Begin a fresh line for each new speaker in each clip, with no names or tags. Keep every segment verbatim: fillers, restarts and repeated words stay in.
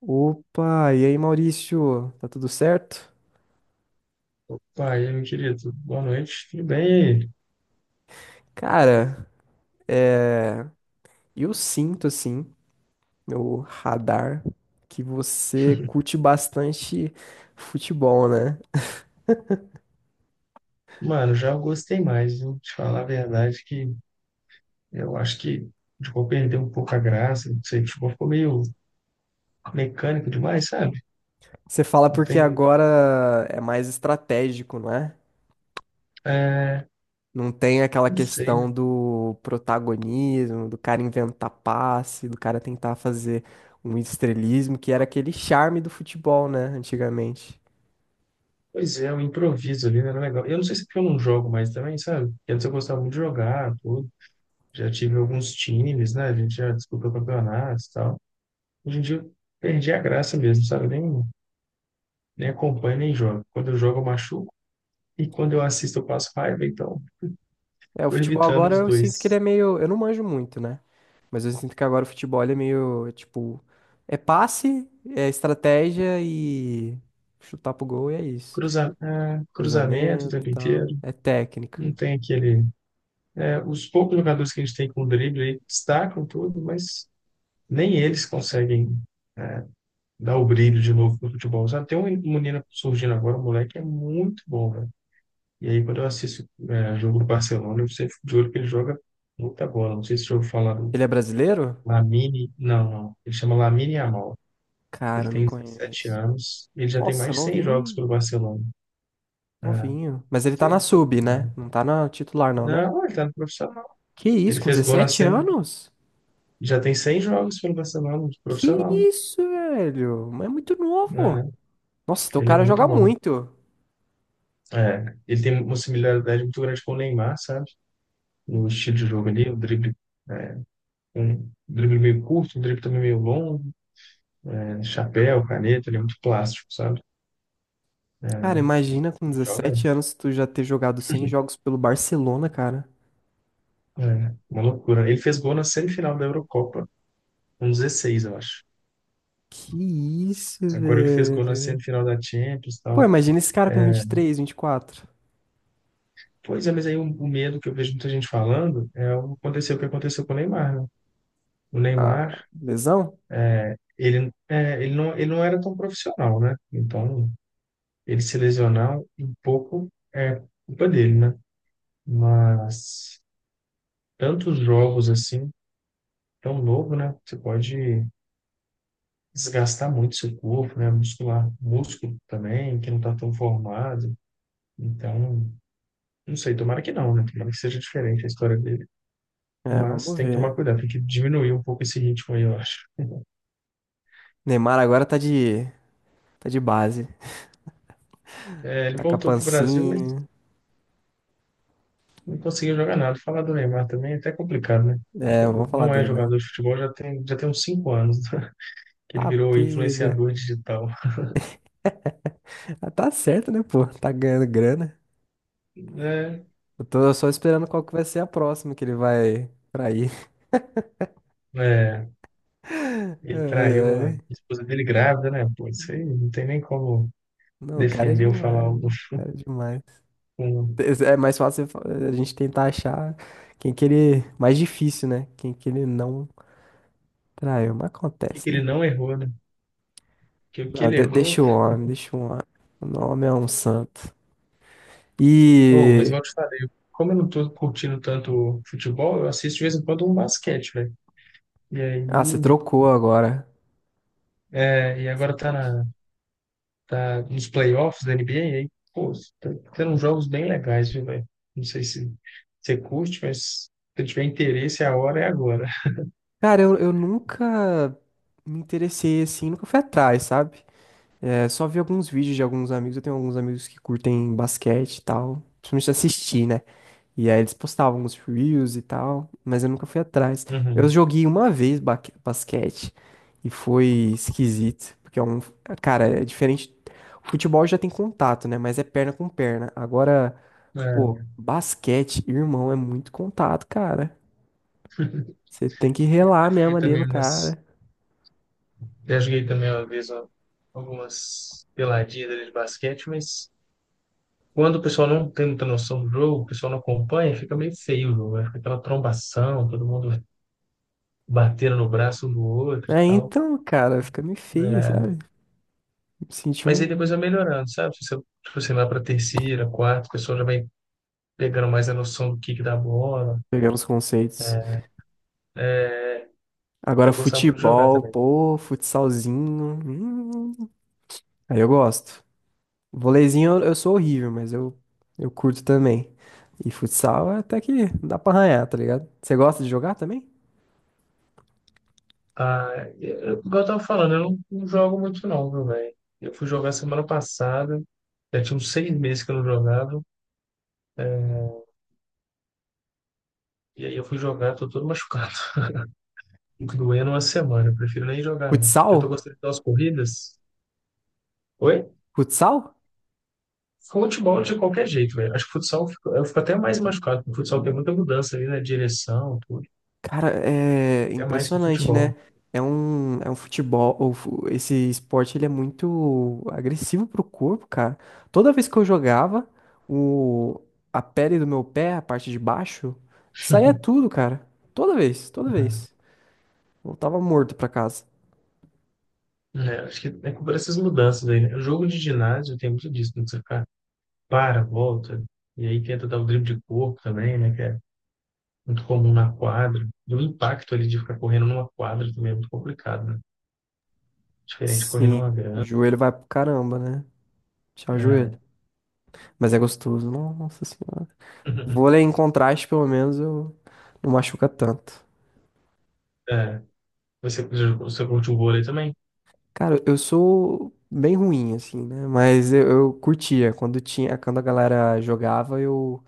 Opa, e aí Maurício, tá tudo certo?
Opa, e aí, meu querido, boa noite, tudo bem? E aí?
Cara, é... eu sinto assim, no radar, que você curte bastante futebol, né?
Mano, já gostei mais, viu? Te falar a verdade que eu acho que o futebol perdeu um pouco a graça, não sei, o futebol ficou meio mecânico demais, sabe?
Você fala
Não
porque
tem,
agora é mais estratégico, não é?
é,
Não tem aquela
não sei, né?
questão do protagonismo, do cara inventar passe, do cara tentar fazer um estrelismo, que era aquele charme do futebol, né, antigamente.
Pois é, o improviso ali não era legal. Eu não sei se é porque eu não jogo mais também, sabe? Porque antes eu gostava muito de jogar, tudo. Já tive alguns times, né? A gente já disputou campeonatos e tal. Hoje em dia eu perdi a graça mesmo, sabe? Nem, nem acompanho, nem jogo. Quando eu jogo, eu machuco. E quando eu assisto, eu passo raiva, então
É, o
tô
futebol
evitando
agora
os
eu sinto que ele
dois.
é meio. Eu não manjo muito, né? Mas eu sinto que agora o futebol ele é meio, tipo, é passe, é estratégia e chutar pro gol e é isso.
Cruza, ah, cruzamento o
Cruzamento e
tempo
tal.
inteiro,
É técnica.
não tem aquele. É, os poucos jogadores que a gente tem com drible aí destacam tudo, mas nem eles conseguem dar o brilho de novo no futebol. Sabe? Tem um um menino surgindo agora, um moleque que é muito bom, velho. E aí, quando eu assisto é, jogo do Barcelona, eu sempre fico de olho que ele joga muita bola. Não sei se eu ouviu falar do
Ele é brasileiro?
Lamine, não, não. Ele chama Lamine Yamal.
Cara,
Ele
eu não
tem dezessete
conheço.
anos, ele já tem
Nossa,
mais de cem jogos pelo
novinho,
Barcelona. É,
novinho. Mas ele tá
você-
na sub,
é.
né? Não tá na titular, não, né?
Não, ele tá no profissional.
Que isso,
Ele
com
fez gol na
dezessete
semi.
anos?
Já tem cem jogos pelo Barcelona, no
Que
profissional.
isso, velho? Mas é muito novo.
Né?
Nossa, teu
Ele é
cara
muito
joga
bom.
muito.
É, ele tem uma similaridade muito grande com o Neymar, sabe? No estilo de jogo ali, o drible, um drible meio curto, um drible também meio longo, né? Chapéu, caneta, ele é muito plástico, sabe?
Cara, imagina com
E joga,
dezessete anos tu já ter jogado cem jogos pelo Barcelona, cara.
é, uma loucura. Ele fez gol na semifinal da Eurocopa, com dezesseis, eu acho.
Que isso,
Agora ele fez gol na
velho.
semifinal da Champions e
Pô,
tal.
imagina esse cara com
É,
vinte vinte e três, vinte e quatro.
pois é, mas aí o, o medo que eu vejo muita gente falando é o que aconteceu, o que aconteceu com o Neymar, né? O
Ah,
Neymar,
lesão?
ele, é, ele, não, ele não era tão profissional, né? Então, ele se lesionar um pouco é culpa dele, né? Mas tantos jogos assim, tão novo, né? Você pode desgastar muito seu corpo, né? Muscular, músculo também, que não tá tão formado. Então, não sei, tomara que não, né? Tomara que seja diferente a história dele.
É,
Mas
vamos
tem que tomar
ver.
cuidado, tem que diminuir um pouco esse ritmo aí, eu acho.
Neymar agora tá de, tá de base.
É, ele
Tá com a
voltou para o Brasil, mas
pancinha.
não conseguiu jogar nada. Falar do Neymar também é até complicado, né?
É, não vamos falar
Não é
dele, não.
jogador de futebol, já tem, já tem uns cinco anos que ele
Tá
virou
pega.
influenciador digital.
Ah, tá certo, né, pô? Tá ganhando grana.
É,
Eu tô só esperando qual que vai ser a próxima que ele vai trair.
é,
Ai,
ele traiu a
ai.
esposa dele grávida, né? Pô, isso aí não tem nem como
Não, o cara é
defender ou falar
demais.
algo
O cara é demais.
com o
É mais fácil a gente tentar achar quem que ele. Mais difícil, né? Quem que ele não traiu. Mas
que que
acontece,
ele
né?
não errou, né? Que o que
Não,
ele
de-
errou.
deixa o homem, deixa o homem. O nome é um santo.
Oh, mas
E.
igual eu te falei, como eu não tô curtindo tanto futebol, eu assisto de vez em quando um basquete, velho. E aí.
Ah, você trocou agora.
É, e agora tá
Gente.
na, tá nos playoffs da N B A, e aí, pô, tá tendo uns jogos bem legais, viu, velho? Não sei se você curte, mas se tiver interesse, a hora é agora.
Cara, eu, eu nunca me interessei assim, nunca fui atrás, sabe? É, só vi alguns vídeos de alguns amigos. Eu tenho alguns amigos que curtem basquete e tal. Principalmente assistir, né? E aí eles postavam os reels e tal, mas eu nunca fui atrás. Eu
Uhum.
joguei uma vez ba- basquete e foi esquisito, porque é um, cara, é diferente. O futebol já tem contato, né? Mas é perna com perna. Agora, pô,
É.
basquete, irmão, é muito contato, cara. Você tem que
Eu já
relar mesmo
joguei
ali no
também umas.
cara.
Já joguei também uma vez ó, algumas peladinhas ali de basquete, mas quando o pessoal não tem muita noção do jogo, o pessoal não acompanha, fica meio feio o jogo, né? Fica aquela trombação, todo mundo batendo no braço um do outro e
É,
tal.
então, cara, fica meio feio,
Né?
sabe? Me senti
Mas aí depois
um.
vai melhorando, sabe? Se você, se você vai para terceira, quarta, o pessoal já vai pegando mais a noção do kick da bola.
Pegando os conceitos.
Né? É,
Agora,
eu gostava muito de jogar
futebol,
também.
pô, futsalzinho. Hum, aí eu gosto. Voleizinho eu eu sou horrível, mas eu, eu curto também. E futsal é até que dá pra arranhar, tá ligado? Você gosta de jogar também?
Ah, eu, eu- igual eu tava falando, eu não, não jogo muito não, meu velho? Eu fui jogar semana passada, já tinha uns seis meses que eu não jogava, é, e aí eu fui jogar, tô todo machucado. Fico doendo uma semana, eu prefiro nem jogar não. Porque eu tô
Futsal?
gostando de dar umas corridas. Oi?
Futsal?
Futebol de qualquer jeito, velho. Acho que futsal eu fico, eu fico até mais machucado, porque o futsal tem muita mudança ali na direção, tudo.
Cara, é
É mais que o
impressionante,
futebol.
né? É um, é um futebol. Ou fu- esse esporte ele é muito agressivo pro corpo, cara. Toda vez que eu jogava, o, a pele do meu pé, a parte de baixo, saía tudo, cara. Toda vez, toda vez. Voltava morto pra casa.
É, acho que é culpa dessas mudanças aí, né? O jogo de ginásio tem muito disso, né? Você fica, para, volta, e aí tenta dar o drible de corpo também, né? Que é muito comum na quadra. E o impacto ali de ficar correndo numa quadra também é muito complicado, né? Diferente de correr numa
Sim, o
grama.
joelho vai pro caramba, né? Te ajoelho.
É.
Mas é gostoso, nossa senhora. Vôlei em contraste, pelo menos, eu não machuca tanto.
É. Você, você curte o vôlei também?
Cara, eu sou bem ruim, assim, né? Mas eu, eu curtia. Quando tinha, quando a galera jogava, eu,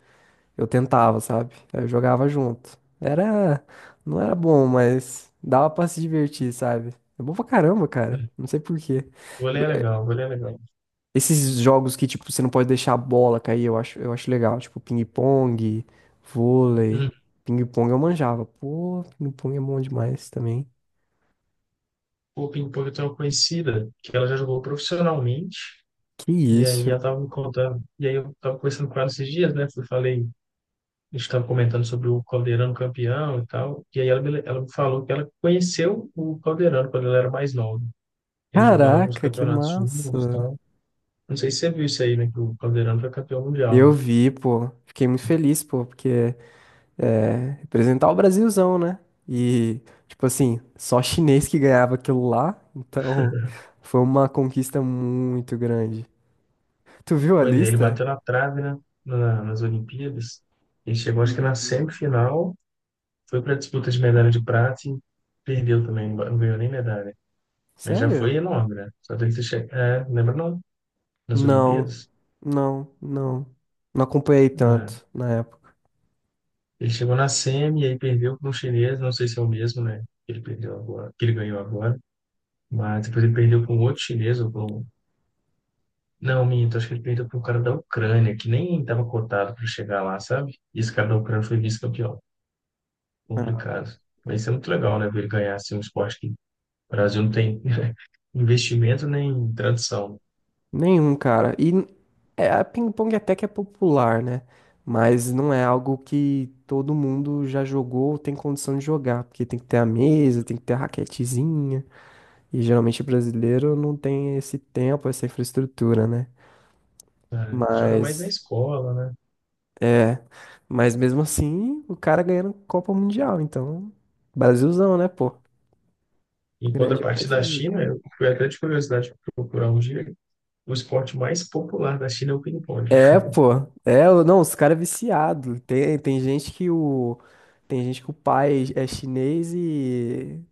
eu tentava, sabe? Eu jogava junto. Era, não era bom, mas dava pra se divertir, sabe? É bom pra caramba, cara.
É.
Não sei por quê.
O vôlei é legal, o vôlei é legal.
Esses jogos que, tipo, você não pode deixar a bola cair, eu acho, eu acho legal. Tipo, ping-pong, vôlei.
Hum.
Ping-pong eu manjava. Pô, ping-pong é bom demais também.
O ping-pong tem uma conhecida que ela já jogou profissionalmente,
Que
e
isso?
aí ela tava me contando, e aí eu tava conversando com ela esses dias, né? Eu falei. A gente estava comentando sobre o Caldeirano campeão e tal, e aí ela me, ela me falou que ela conheceu o Caldeirano quando ela era mais nova. Eles jogaram alguns
Caraca, que
campeonatos juntos e
massa.
tal. Não sei se você viu isso aí, né? Que o Caldeirano foi campeão mundial,
Eu
né?
vi, pô. Fiquei muito feliz, pô, porque é representar o Brasilzão, né? E, tipo assim, só chinês que ganhava aquilo lá. Então, foi uma conquista muito grande. Tu viu a
Pois é, ele
lista?
bateu na trave, né? Na- nas Olimpíadas. Ele chegou, acho que na
Uhum.
semifinal, foi para a disputa de medalha de prata e perdeu também, não ganhou nem medalha. Mas já
Sério?
foi enorme, né? Só dele ter chegado. É, lembra não? Nas
Não,
Olimpíadas.
não, não. Não acompanhei
É.
tanto na época.
Ele chegou na semi e aí perdeu para um chinês, não sei se é o mesmo, né? Que ele perdeu agora, que ele ganhou agora, mas depois ele perdeu para um outro chinês ou para um... Não, minto, acho que ele perdeu para um cara da Ucrânia, que nem estava cotado para chegar lá, sabe? E esse cara da Ucrânia foi vice-campeão.
Ah,
Complicado. Mas isso é muito legal, né? Ver ele ganhar assim, um esporte que o Brasil não tem investimento nem tradição.
nenhum, cara. E n- é, a ping-pong até que é popular, né? Mas não é algo que todo mundo já jogou ou tem condição de jogar. Porque tem que ter a mesa, tem que ter a raquetezinha. E geralmente brasileiro não tem esse tempo, essa infraestrutura, né?
Né? Joga mais na
Mas,
escola, né?
é. Mas mesmo assim, o cara ganhando Copa Mundial. Então, Brasilzão, né, pô?
Em
Grande
contrapartida da
Brasil.
China, eu fui até de curiosidade procurar um dia, o esporte mais popular da China é o ping-pong.
É, pô. É, o- não, os caras é viciado. Tem, tem gente que o tem gente que o pai é chinês e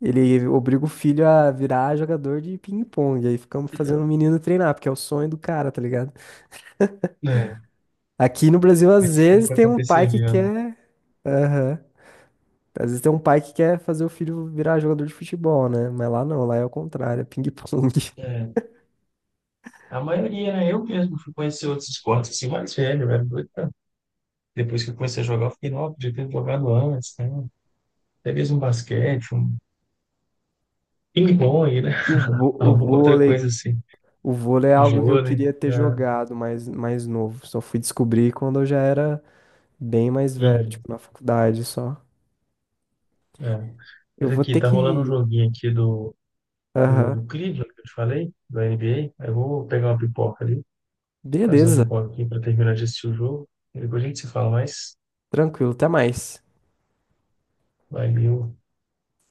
ele obriga o filho a virar jogador de ping-pong. Aí ficamos fazendo o menino treinar, porque é o sonho do cara, tá ligado?
É.
Aqui no Brasil, às
Isso que
vezes,
nunca
tem um pai que
aconteceria, né?
quer. Aham. Às vezes tem um pai que quer fazer o filho virar jogador de futebol, né? Mas lá não, lá é o contrário, é ping-pong.
É, a maioria, né? Eu mesmo fui conhecer outros esportes assim mais velho, eu era doido. pra- Depois que eu comecei a jogar, eu fiquei, nossa, podia ter jogado antes, né? Até mesmo um basquete, um ping-pong, né?
O, vô- o
Alguma outra
vôlei,
coisa assim.
o vôlei é
Um
algo que eu
vôlei.
queria ter
Né?
jogado mais, mais novo. Só fui descobrir quando eu já era bem mais velho,
Uhum,
tipo, na faculdade só.
é.
Eu
Mas
vou
aqui,
ter
tá rolando um
que.
joguinho aqui do, do,
Aham.
do Cleveland, que eu te falei, do N B A. Aí eu vou pegar uma pipoca ali, fazer uma
Beleza.
pipoca aqui pra terminar de assistir o jogo. E depois a gente se fala mais.
Tranquilo. Até mais.
Valeu.